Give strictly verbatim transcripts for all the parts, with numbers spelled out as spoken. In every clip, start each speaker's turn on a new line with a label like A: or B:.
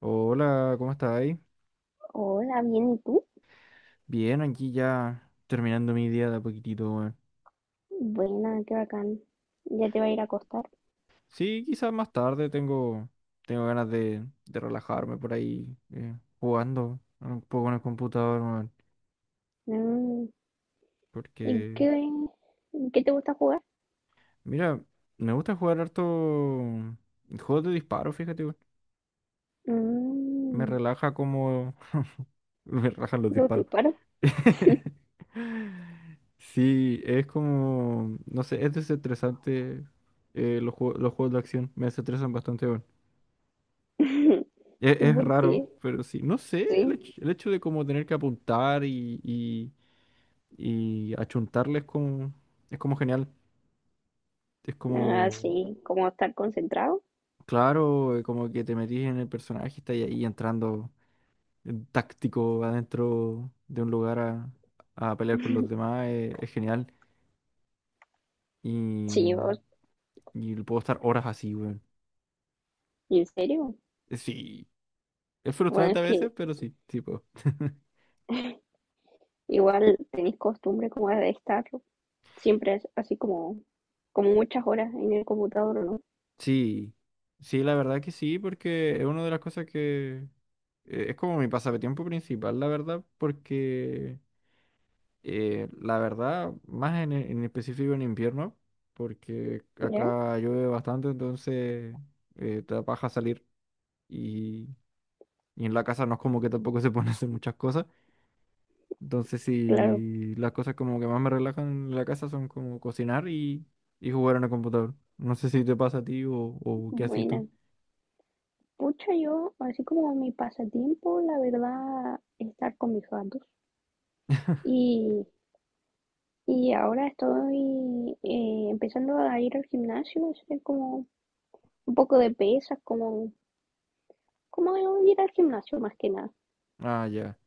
A: Hola, ¿cómo estás ahí?
B: Hola, bien, ¿y tú?
A: Bien, aquí ya terminando mi día de a poquitito, weón.
B: Buena, qué bacán. Ya te va a ir a acostar.
A: Sí, quizás más tarde tengo, tengo ganas de, de relajarme por ahí eh, jugando un poco en el computador, weón.
B: Mm. ¿Y
A: Porque,
B: qué, qué te gusta jugar?
A: mira, me gusta jugar harto juegos de disparo, fíjate, weón. Me
B: Mm.
A: relaja como... me relajan los
B: ¿Lo te
A: disparos.
B: paro?
A: Sí, es como, no sé, es desestresante eh, los juegos, los juegos de acción, me desestresan bastante, bueno. Es,
B: ¿Y
A: es
B: por
A: raro,
B: qué?
A: pero sí, no sé, el
B: Sí.
A: hecho, el hecho de como tener que apuntar y, y, y achuntarle es como, es como genial, es
B: Ah,
A: como,
B: sí, como estar concentrado.
A: claro, eh, como que te metís en el personaje y estás ahí entrando en táctico adentro de un lugar a, a pelear con los demás, eh, es genial.
B: Sí, vos,
A: Y puedo estar horas así, weón.
B: ¿en serio?
A: Eh, Sí, es
B: Bueno,
A: frustrante
B: es
A: a veces,
B: que
A: pero sí, tipo.
B: igual tenéis costumbre como de estar siempre es así como, como, muchas horas en el computador, ¿o no?
A: Sí, sí, la verdad que sí, porque es una de las cosas que eh, es como mi pasatiempo principal, la verdad. Porque eh, la verdad, más en, en específico en invierno, porque
B: ¿Ya?
A: acá llueve bastante. Entonces eh, te da paja salir y, y en la casa no es como que tampoco se pone a hacer muchas cosas. Entonces,
B: Claro,
A: si las cosas como que más me relajan en la casa son como cocinar y, y jugar en el computador. No sé si te pasa a ti o, o qué haces tú.
B: buena. Pucha, yo, así como mi pasatiempo, la verdad, estar con mis gatos. Y, y ahora estoy eh, empezando a ir al gimnasio, hacer como un poco de pesas, como, como ir al gimnasio más que nada.
A: Ah, ya.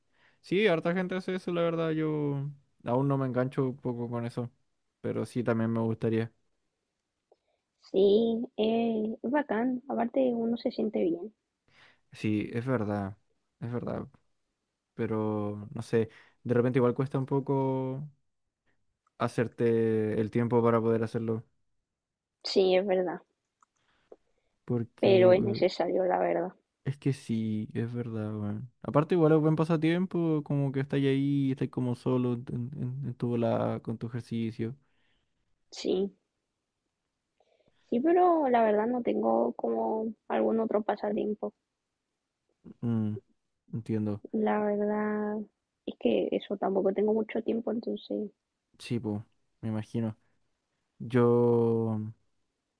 A: Sí, harta gente hace eso, la verdad. Yo aún no me engancho un poco con eso. Pero sí, también me gustaría.
B: Sí, eh, es bacán, aparte uno se siente bien.
A: Sí, es verdad. Es verdad. Pero no sé. De repente igual cuesta un poco hacerte el tiempo para poder hacerlo.
B: Sí, es verdad,
A: Porque
B: pero es
A: eh,
B: necesario, la verdad.
A: es que sí, es verdad, weón. Aparte, igual es buen pasatiempo, como que estáis ahí, estáis como solo en, en- en tu volada con tu ejercicio.
B: Sí, sí, pero la verdad no tengo como algún otro pasatiempo.
A: Mm, entiendo.
B: La verdad es que eso, tampoco tengo mucho tiempo, entonces...
A: Sí, pues, me imagino. Yo,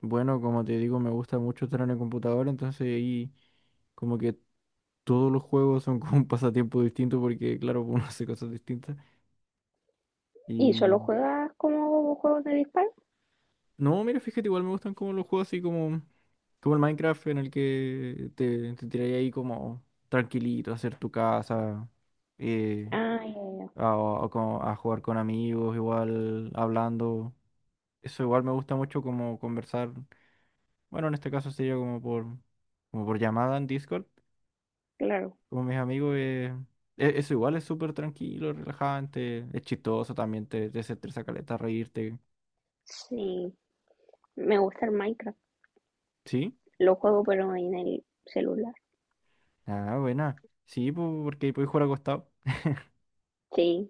A: bueno, como te digo, me gusta mucho estar en el computador. Entonces ahí como que todos los juegos son como un pasatiempo distinto porque, claro, uno hace cosas distintas.
B: ¿Y solo juegas como juegos de disparo?
A: No, mira, fíjate, igual me gustan como los juegos así como, como el Minecraft en el que te, te tiras ahí como tranquilito a hacer tu casa, eh,
B: Ah, ya, ya,
A: a, a como- a jugar con amigos, igual hablando. Eso igual me gusta mucho, como conversar. Bueno, en este caso sería como por, como por llamada en Discord,
B: claro.
A: con mis amigos. Eh, e- eso igual es súper tranquilo, relajante, es chistoso también, te, te desestresa caleta, reírte.
B: Sí, me gusta el Minecraft.
A: ¿Sí?
B: Lo juego pero en el celular.
A: Ah, buena. Sí, po, porque puedes jugar acostado.
B: Sí,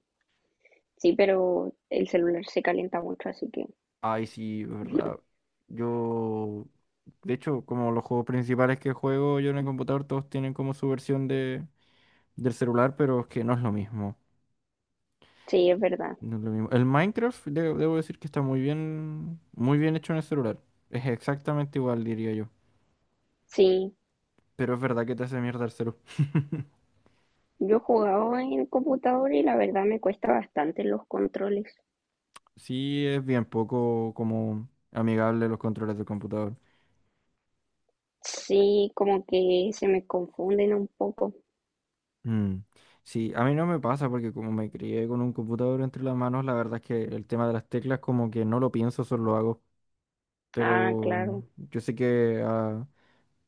B: sí, pero el celular se calienta mucho, así que
A: Ay, sí, es verdad. Yo, de hecho, como los juegos principales que juego yo en el computador, todos tienen como su versión de, del celular, pero es que no es lo mismo.
B: sí, es verdad.
A: No es lo mismo. El Minecraft, de- debo decir que está muy bien, muy bien hecho en el celular. Es exactamente igual, diría yo.
B: Sí,
A: Pero es verdad que te hace mierda el celular.
B: yo he jugado en el computador y la verdad me cuesta bastante los controles.
A: Sí, es bien poco como amigable, los controles del computador.
B: Sí, como que se me confunden un poco.
A: Mm. Sí, a mí no me pasa porque como me crié con un computador entre las manos, la verdad es que el tema de las teclas como que no lo pienso, solo lo hago.
B: Ah,
A: Pero
B: claro,
A: yo sé que a,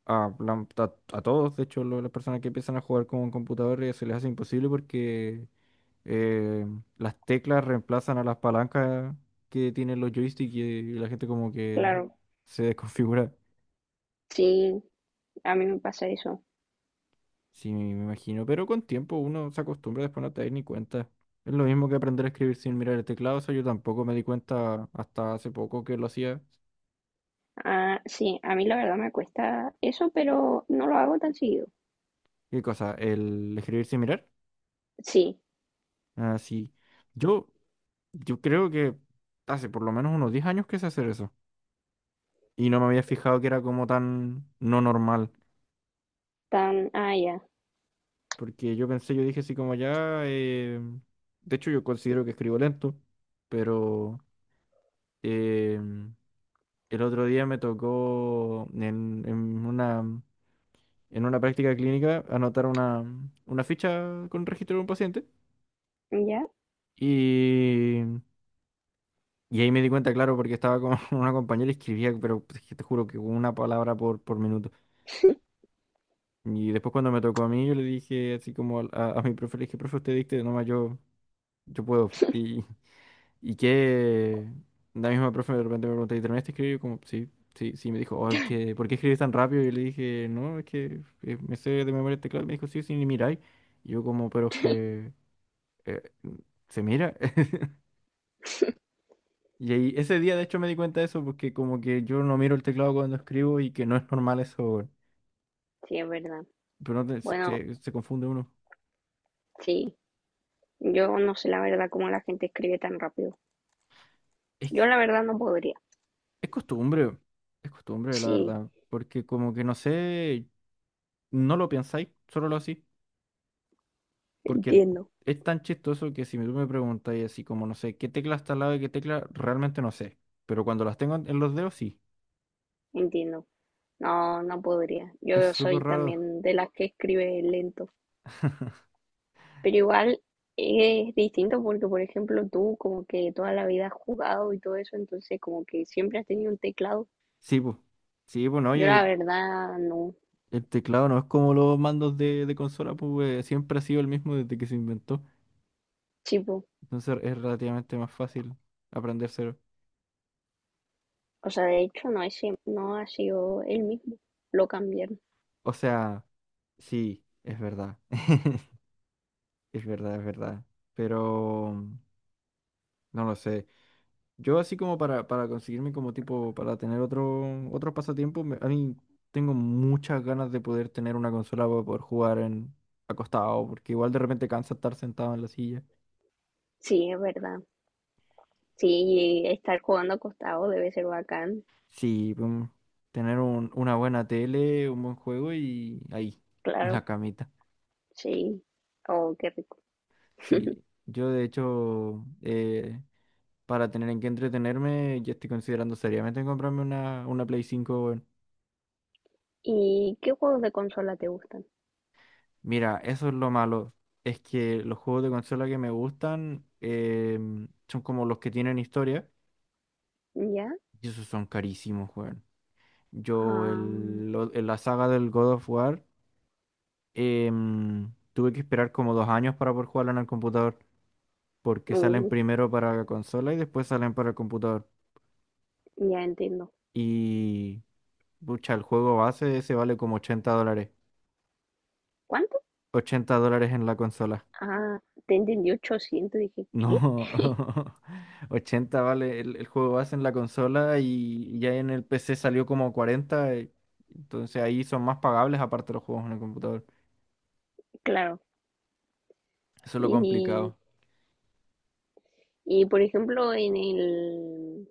A: a, la- a- a todos, de hecho, lo- las personas que empiezan a jugar con un computador eh, se les hace imposible, porque eh, las teclas reemplazan a las palancas que tienen los joysticks y, y la gente como que
B: claro.
A: se desconfigura.
B: Sí, a mí me pasa eso.
A: Sí, me imagino, pero con tiempo uno se acostumbra, después no te das ni cuenta. Es lo mismo que aprender a escribir sin mirar el teclado, o sea yo tampoco me di cuenta hasta hace poco que lo hacía.
B: Ah, sí, a mí la verdad me cuesta eso, pero no lo hago tan seguido.
A: ¿Qué cosa? ¿El escribir sin mirar?
B: Sí,
A: Ah, sí. Yo, yo creo que hace por lo menos unos diez años que sé hacer eso. Y no me había fijado que era como tan no normal.
B: tan, ah, ya,
A: Porque yo pensé, yo dije así como ya... eh, de hecho, yo considero que escribo lento, pero... em, el otro día me tocó en, en una, en una práctica clínica anotar una, una ficha con registro de un paciente
B: ya,
A: y, y ahí me di cuenta, claro, porque estaba con una compañera y escribía, pero pues, es que te juro que una palabra por, por minuto. Y después cuando me tocó a mí, yo le dije así como al- a, a mi profe, le dije, profe, usted dicte, nomás yo, yo puedo. Y, Y que la misma profe de repente me preguntó, ¿y terminaste de escribir? Yo como, sí, sí, sí, me dijo, oh, es que, ¿por qué escribes tan rápido? Y yo le dije, no, es que eh, me sé de memoria el teclado. Y me dijo, sí, sí, ni miráis. Y yo como, pero es que eh, se mira. Y ahí, ese día de hecho me di cuenta de eso, porque como que yo no miro el teclado cuando escribo y que no es normal eso, weón.
B: sí, es verdad.
A: Pero no te- se,
B: Bueno,
A: se- se confunde uno.
B: sí, yo no sé la verdad cómo la gente escribe tan rápido.
A: Es,
B: Yo
A: que-
B: la verdad no podría.
A: es costumbre, es costumbre, la
B: Sí,
A: verdad. Porque como que no sé, no lo pensáis, solo lo hacís. Porque
B: entiendo,
A: es tan chistoso que si tú me preguntas y así como no sé qué tecla está al lado de qué tecla, realmente no sé. Pero cuando las tengo en en los dedos, sí.
B: entiendo. No, no podría.
A: Es
B: Yo soy
A: súper raro.
B: también de las que escribe lento, pero igual es distinto porque, por ejemplo, tú como que toda la vida has jugado y todo eso, entonces como que siempre has tenido un teclado.
A: Sí, pues. Sí, pues, no,
B: Yo
A: oye,
B: la
A: el,
B: verdad no,
A: el teclado no es como los mandos de, de consola, pues eh, siempre ha sido el mismo desde que se inventó.
B: tipo.
A: Entonces es relativamente más fácil aprendérselo.
B: O sea, de hecho no es, siem- no ha sido el mismo, lo cambiaron.
A: O sea, sí, es verdad. Es verdad, es verdad. Pero no lo sé. Yo así como para, para conseguirme como tipo, para tener otro, otro pasatiempo, me- a mí tengo muchas ganas de poder tener una consola para poder jugar en acostado, porque igual de repente cansa estar sentado en la silla.
B: Sí, es verdad. Sí, estar jugando acostado debe ser bacán,
A: Sí, pum, tener un- una buena tele, un buen juego y ahí, en la
B: claro,
A: camita.
B: sí. Oh, qué rico.
A: Sí, yo de hecho, eh, para tener en qué entretenerme, ya estoy considerando seriamente en comprarme una, una Play cinco.
B: ¿Y qué juegos de consola te gustan?
A: Mira, eso es lo malo. Es que los juegos de consola que me gustan em, son como los que tienen historia.
B: ¿Ya?
A: Y esos son carísimos, weón. Yo
B: Ah,
A: el, lo- en la saga del God of War em, tuve que esperar como dos años para poder jugarlo en el computador. Porque salen
B: uh,
A: primero para la consola y después salen para el computador.
B: ya entiendo.
A: Y, pucha, el juego base ese vale como ochenta dólares.
B: ¿Cuánto?
A: Ochenta dólares en la consola.
B: Ah, te entendí ochocientos, dije, ¿qué?
A: No, ochenta vale el, el juego base en la consola y ya en el P C salió como cuarenta, eh, entonces ahí son más pagables aparte de los juegos en el computador.
B: Claro.
A: Eso es lo
B: Y,
A: complicado.
B: y por ejemplo, en el,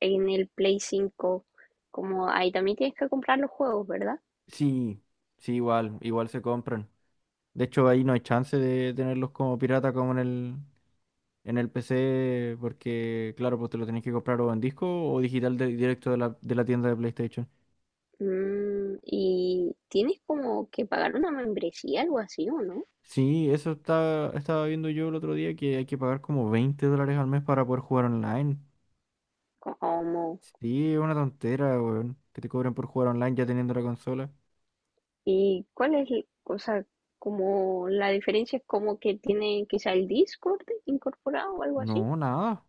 B: en el Play cinco como ahí también tienes que comprar los juegos, ¿verdad?
A: Sí, sí, igual, igual se compran. De hecho, ahí no hay chance de tenerlos como pirata como en el, en el P C, porque claro, pues te lo tenés que comprar o en disco o digital de- directo de la, de la tienda de PlayStation.
B: Mm, ¿y tienes como que pagar una membresía, algo así, o no?
A: Sí, eso está, estaba viendo yo el otro día que hay que pagar como veinte dólares al mes para poder jugar online.
B: Como,
A: Sí, es una tontera, weón. Que te cobren por jugar online ya teniendo la consola.
B: ¿y cuál es, el- o sea, como la diferencia es como que tiene quizá el Discord incorporado o algo así?
A: No, nada.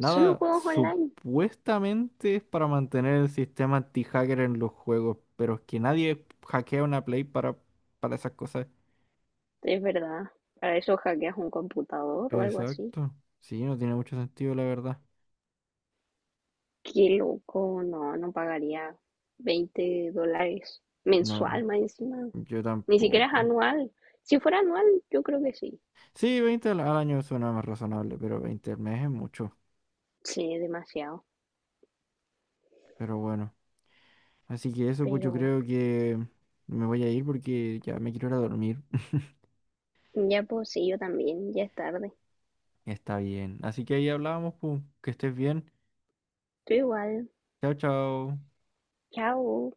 B: Solo juegos online,
A: Supuestamente es para mantener el sistema anti-hacker en los juegos. Pero es que nadie hackea una Play para, para esas cosas.
B: es verdad. Para eso hackeas un computador o algo así.
A: Exacto. Sí, no tiene mucho sentido, la verdad.
B: Qué loco, no, no pagaría veinte dólares mensual
A: No,
B: más encima.
A: yo
B: Ni siquiera es
A: tampoco.
B: anual. Si fuera anual, yo creo que sí.
A: Sí, veinte al al año suena más razonable, pero veinte al mes es mucho.
B: Sí, demasiado.
A: Pero bueno. Así que eso, pues
B: Pero
A: yo creo que me voy a ir porque ya me quiero ir a dormir.
B: ya pues sí, yo también, ya es tarde.
A: Está bien. Así que ahí hablábamos, pues, que estés bien.
B: Tú igual.
A: Chao, chao.
B: Chao.